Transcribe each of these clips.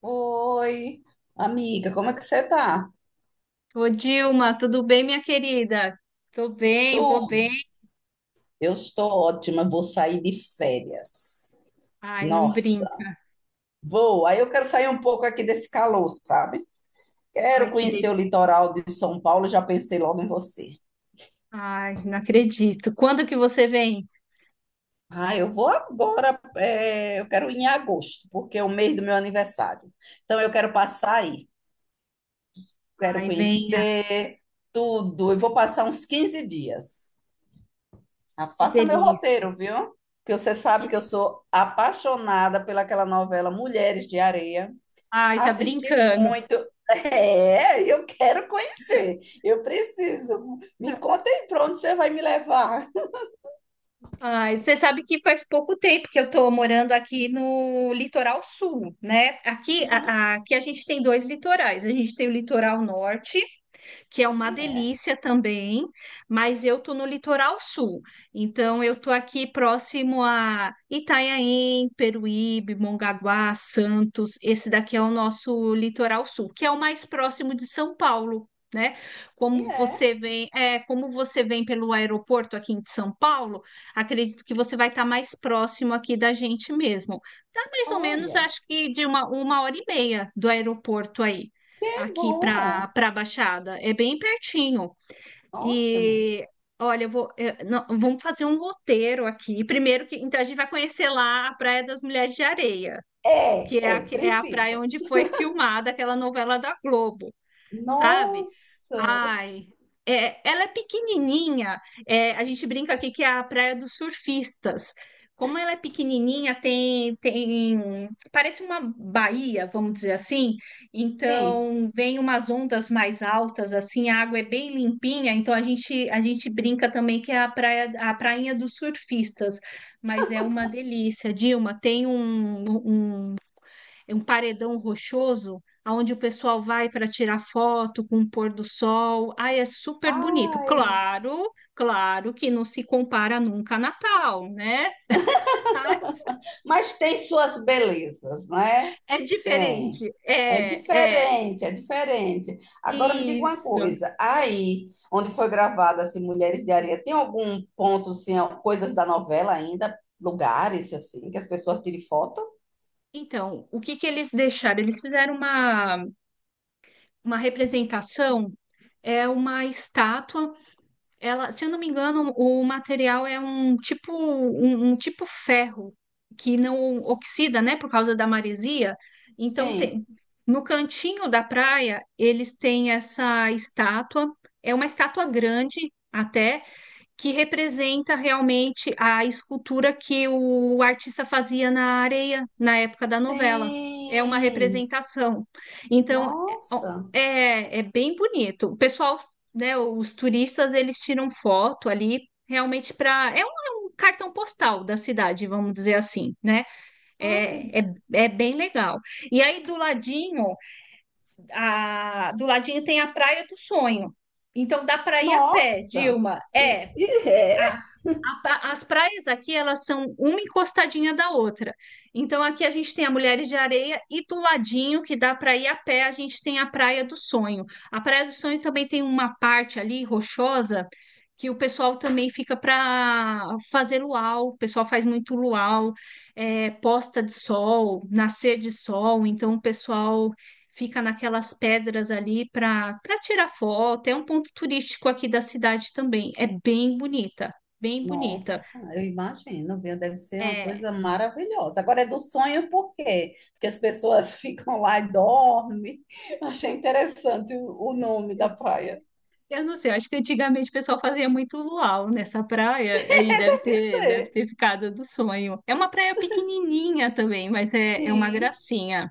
Oi, amiga, como é que você tá? Ô, Dilma, tudo bem, minha querida? Tô bem, vou Tô, bem. eu estou ótima, vou sair de férias. Ai, não Nossa, brinca. vou. Aí eu quero sair um pouco aqui desse calor, sabe? Ai, Quero que conhecer o delícia. litoral de São Paulo, já pensei logo em você. Ai, não acredito. Quando que você vem? Ah, eu vou agora, é, eu quero ir em agosto, porque é o mês do meu aniversário. Então eu quero passar aí, quero Ai, venha. conhecer tudo. Eu vou passar uns 15 dias. Ah, Que faça meu delícia. roteiro, viu? Porque você sabe Que que eu de- sou apaixonada pelaquela novela Mulheres de Areia. Ai, tá Assisti brincando. muito. É, eu quero conhecer. Eu preciso. Me conta aí para onde você vai me levar. Ai, você sabe que faz pouco tempo que eu tô morando aqui no litoral sul, né? Aqui a gente tem dois litorais. A gente tem o litoral norte que é uma E é delícia também, mas eu tô no litoral sul. Então eu tô aqui próximo a Itanhaém, Peruíbe, Mongaguá, Santos. Esse daqui é o nosso litoral sul, que é o mais próximo de São Paulo, né? e é. Como você vem pelo aeroporto aqui de São Paulo, acredito que você vai estar mais próximo aqui da gente mesmo. Dá mais ou menos, Olha, acho que de uma hora e meia do aeroporto aí que aqui para bom. Baixada. É bem pertinho. Ótimo. E olha, não, vamos fazer um roteiro aqui. Primeiro que então a gente vai conhecer lá a Praia das Mulheres de Areia, É, é, que é a praia precisa. onde foi filmada aquela novela da Globo, sabe? Nossa, Ai, é, ela é pequenininha. É, a gente brinca aqui que é a Praia dos Surfistas. Como ela é pequenininha, tem, parece uma baía, vamos dizer assim. sim. Então, vem umas ondas mais altas, assim, a água é bem limpinha. Então, a gente brinca também que é a praia, a prainha dos surfistas. Mas é uma delícia, Dilma. Um é um paredão rochoso, aonde o pessoal vai para tirar foto com o pôr do sol. Ai, é super bonito. Ai, Claro que não se compara nunca a Natal, né? Tá? mas tem suas belezas, né? É Tem. diferente. É É, é. diferente, é diferente. Agora me diga uma Isso. coisa, aí onde foi gravada assim, Mulheres de Areia, tem algum ponto, assim, ó, coisas da novela ainda, lugares assim, que as pessoas tirem foto? Então, o que que eles deixaram? Uma representação, é uma estátua. Ela, se eu não me engano, o material é um tipo ferro que não oxida, né, por causa da maresia. Então Sim. tem, no cantinho da praia eles têm essa estátua. É uma estátua grande até que representa realmente a escultura que o artista fazia na areia na época da novela. É uma Sim. representação. Então, é, ó, Nossa. é é bem bonito. O pessoal, né, os turistas, eles tiram foto ali realmente para. É um cartão postal da cidade, vamos dizer assim, né? Ai, É, é, é bem legal. E aí do ladinho, do ladinho tem a Praia do Sonho. Então dá para ir a pé, nossa. Dilma. É, É. a- as praias aqui, elas são uma encostadinha da outra. Então, aqui a gente tem a Mulheres de Areia e do ladinho, que dá para ir a pé, a gente tem a Praia do Sonho. A Praia do Sonho também tem uma parte ali, rochosa, que o pessoal também fica para fazer luau. O pessoal faz muito luau, é, posta de sol, nascer de sol. Então, o pessoal fica naquelas pedras ali para tirar foto. É um ponto turístico aqui da cidade também. É bem bonita, bem bonita. Nossa, eu imagino, viu? Deve ser uma É, coisa maravilhosa. Agora é do sonho por quê? Porque as pessoas ficam lá e dormem. Achei interessante o nome eu, da praia. eu não sei, acho que antigamente o pessoal fazia muito luau nessa praia, aí deve Isso ter é. Ficado do sonho. É uma praia pequenininha também, mas é, é uma Sim. gracinha.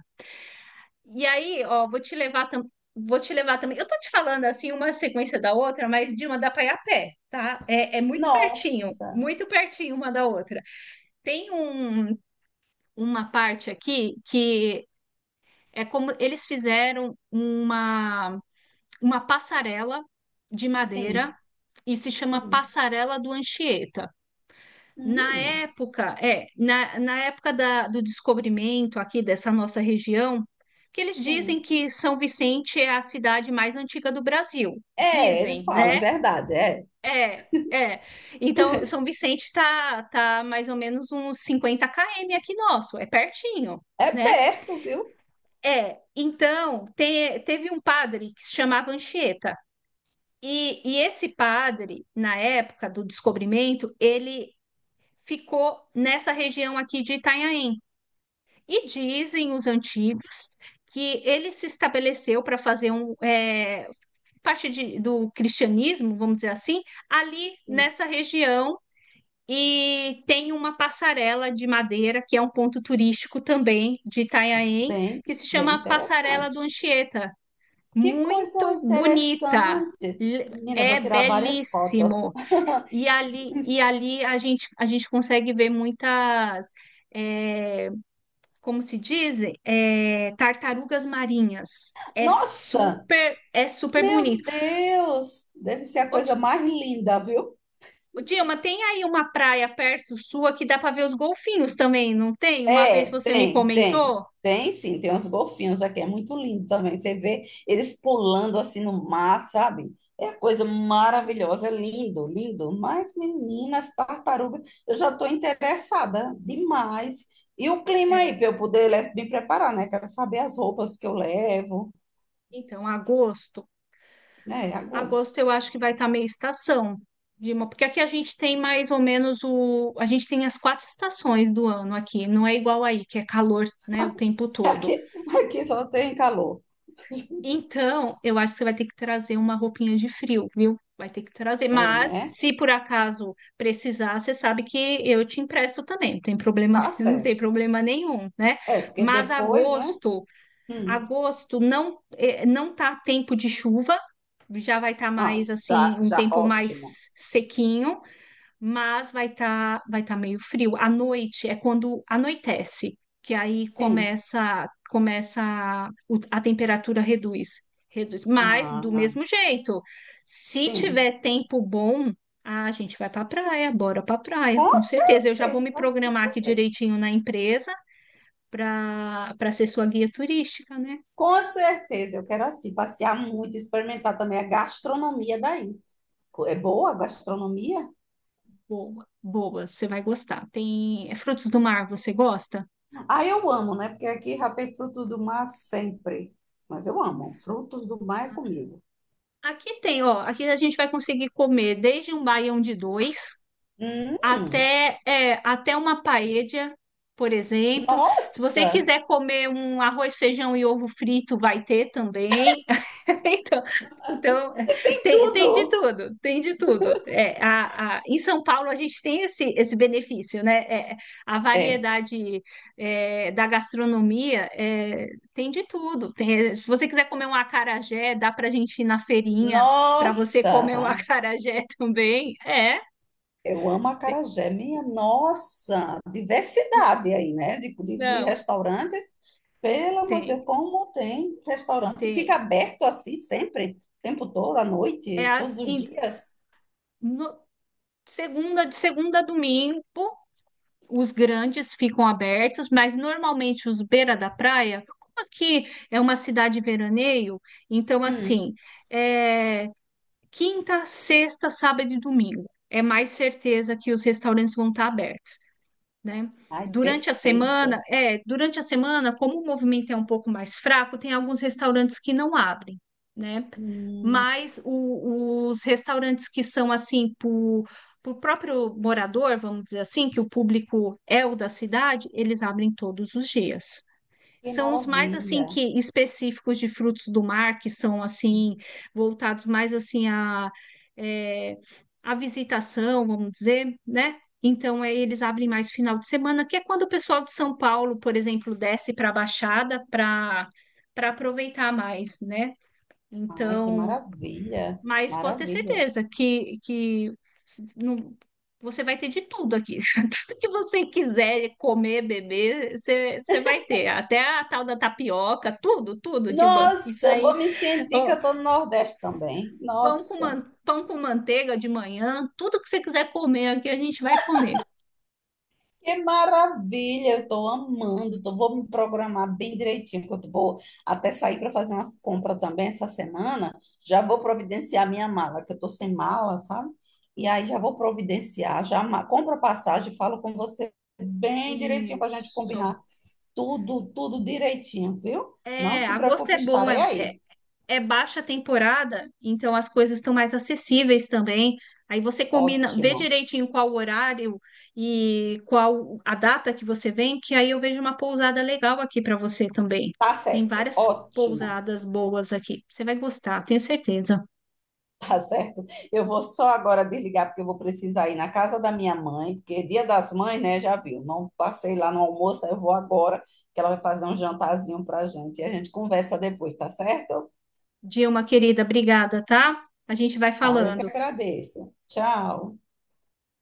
E aí, ó, vou te levar também. Eu tô te falando assim, uma sequência da outra, mas de uma dá pra ir a pé, tá? É, é Nossa. muito pertinho uma da outra. Tem um, uma parte aqui que é como uma passarela de Sim. madeira e se chama Hum. Passarela do Anchieta. Na Hum. época, é, na época do descobrimento aqui dessa nossa região, que eles dizem Sim. que São Vicente é a cidade mais antiga do Brasil. É, ele Dizem, fala, é né? verdade, é. É, é. Então, São Vicente está tá tá mais ou menos uns 50 km aqui nosso, é pertinho, É né? perto, viu? É, então, teve um padre que se chamava Anchieta. E, esse padre, na época do descobrimento, ele ficou nessa região aqui de Itanhaém. E dizem os antigos que ele se estabeleceu para fazer um, é, do cristianismo, vamos dizer assim, ali Sim. nessa região. E tem uma passarela de madeira, que é um ponto turístico também de Itanhaém, Bem, que se bem chama Passarela do interessante. Anchieta, Que coisa muito bonita. interessante. Menina, eu vou É tirar várias fotos. belíssimo. E ali, a gente consegue ver muitas, é, como se dizem, é, tartarugas marinhas. Nossa! É super Meu bonito. Deus! Deve ser a Ô, coisa Di- mais linda, viu? ô, Dilma, tem aí uma praia perto sua que dá para ver os golfinhos também, não tem? Uma vez É, você me tem, tem. comentou. Tem sim, tem uns golfinhos aqui, é muito lindo também. Você vê eles pulando assim no mar, sabe? É a coisa maravilhosa, é lindo, lindo. Mas, meninas, tartaruga, eu já estou interessada demais. E o clima aí, É, para eu poder me preparar, né? Quero saber as roupas que eu levo, então, agosto. né? A Agosto eu acho que vai estar meio estação, Dilma, porque aqui a gente tem mais ou menos o. A gente tem as quatro estações do ano aqui, não é igual aí, que é calor, né, o tempo todo. Aqui, aqui só tem calor. Então, eu acho que você vai ter que trazer uma roupinha de frio, viu? Vai ter que trazer. É, Mas, né? se por acaso precisar, você sabe que eu te empresto também, não tem problema, Tá não tem certo. problema nenhum, né? É, porque Mas depois, né? agosto. Hum, Agosto não não tá tempo de chuva, já vai estar ah, mais assim, já, um já, tempo ótimo. mais sequinho, mas vai tá meio frio. À noite é quando anoitece, que aí Sim. Começa a temperatura reduz, reduz. Mas do Ah, mesmo jeito, se sim, tiver tempo bom, a gente vai para praia, bora para praia, com com certeza. Eu já vou certeza, me com programar aqui certeza. direitinho na empresa para ser sua guia turística, né? Com certeza, eu quero assim passear muito, experimentar também a gastronomia daí. É boa a gastronomia? Boa, boa, você vai gostar. Tem é, frutos do mar, você gosta? Ah, eu amo, né? Porque aqui já tem frutos do mar sempre. Mas eu amo, frutos do mar é comigo. Aqui tem, ó. Aqui a gente vai conseguir comer desde um baião de dois. Hum, Até, é, até uma paella, por exemplo. Se você nossa, quiser comer um arroz, feijão e ovo frito, vai ter também. Então, então que é, tem, tem de tudo! tudo, tem de tudo. É, em São Paulo, a gente tem esse, esse benefício, né? É, a É, variedade é, da gastronomia é, tem de tudo. Se você quiser comer um acarajé, dá para a gente ir na feirinha para você nossa. comer um acarajé também. É. Eu amo tem- acarajé, minha nossa, diversidade aí, né? De Não, restaurantes, pelo amor de Deus, tem, como tem restaurante? Fica tem. aberto assim sempre, o tempo todo, à É noite, todos as, os em- dias. no- segunda, de segunda a domingo, os grandes ficam abertos, mas normalmente os beira da praia, como aqui é uma cidade veraneio, então Hum. assim, é, quinta, sexta, sábado e domingo. É mais certeza que os restaurantes vão estar abertos, né? Ai, Durante a semana, perfeito. é, durante a semana, como o movimento é um pouco mais fraco, tem alguns restaurantes que não abrem, né? Hum, Mas os restaurantes que são assim, por próprio morador, vamos dizer assim, que o público é o da cidade, eles abrem todos os dias. que São os mais assim maravilha. que específicos de frutos do mar, que são assim voltados mais assim a é, a visitação, vamos dizer, né? Então aí eles abrem mais final de semana, que é quando o pessoal de São Paulo, por exemplo, desce para a Baixada para aproveitar mais, né? Ai, que Então maravilha. mas pode ter Maravilha. certeza que, s- não- você vai ter de tudo aqui. Tudo que você quiser comer, beber, você, você vai ter. Até a tal da tapioca, tudo, tudo de ban. Isso Nossa, eu aí, vou me sentir que ó, eu tô no Nordeste também. Nossa. Pão com manteiga de manhã, tudo que você quiser comer aqui, a gente vai comer. Que maravilha, eu estou amando. Então vou me programar bem direitinho, porque eu vou até sair para fazer umas compras também essa semana. Já vou providenciar minha mala, que eu estou sem mala, sabe? E aí já vou providenciar, compro a passagem, falo com você bem direitinho para a gente Isso. combinar tudo, tudo direitinho, viu? Não É, se agosto preocupe, é bom, estarei é, é, aí. é baixa temporada, então as coisas estão mais acessíveis também. Aí você combina, vê Ótimo. direitinho qual o horário e qual a data que você vem, que aí eu vejo uma pousada legal aqui para você também. Tá Tem certo, várias ótimo. pousadas boas aqui. Você vai gostar, tenho certeza. Tá certo? Eu vou só agora desligar, porque eu vou precisar ir na casa da minha mãe, porque é dia das mães, né? Já viu. Não passei lá no almoço, aí eu vou agora, que ela vai fazer um jantarzinho pra gente. E a gente conversa depois, tá certo? Dilma, querida, obrigada, tá? A gente vai Tá, eu que falando. agradeço. Tchau.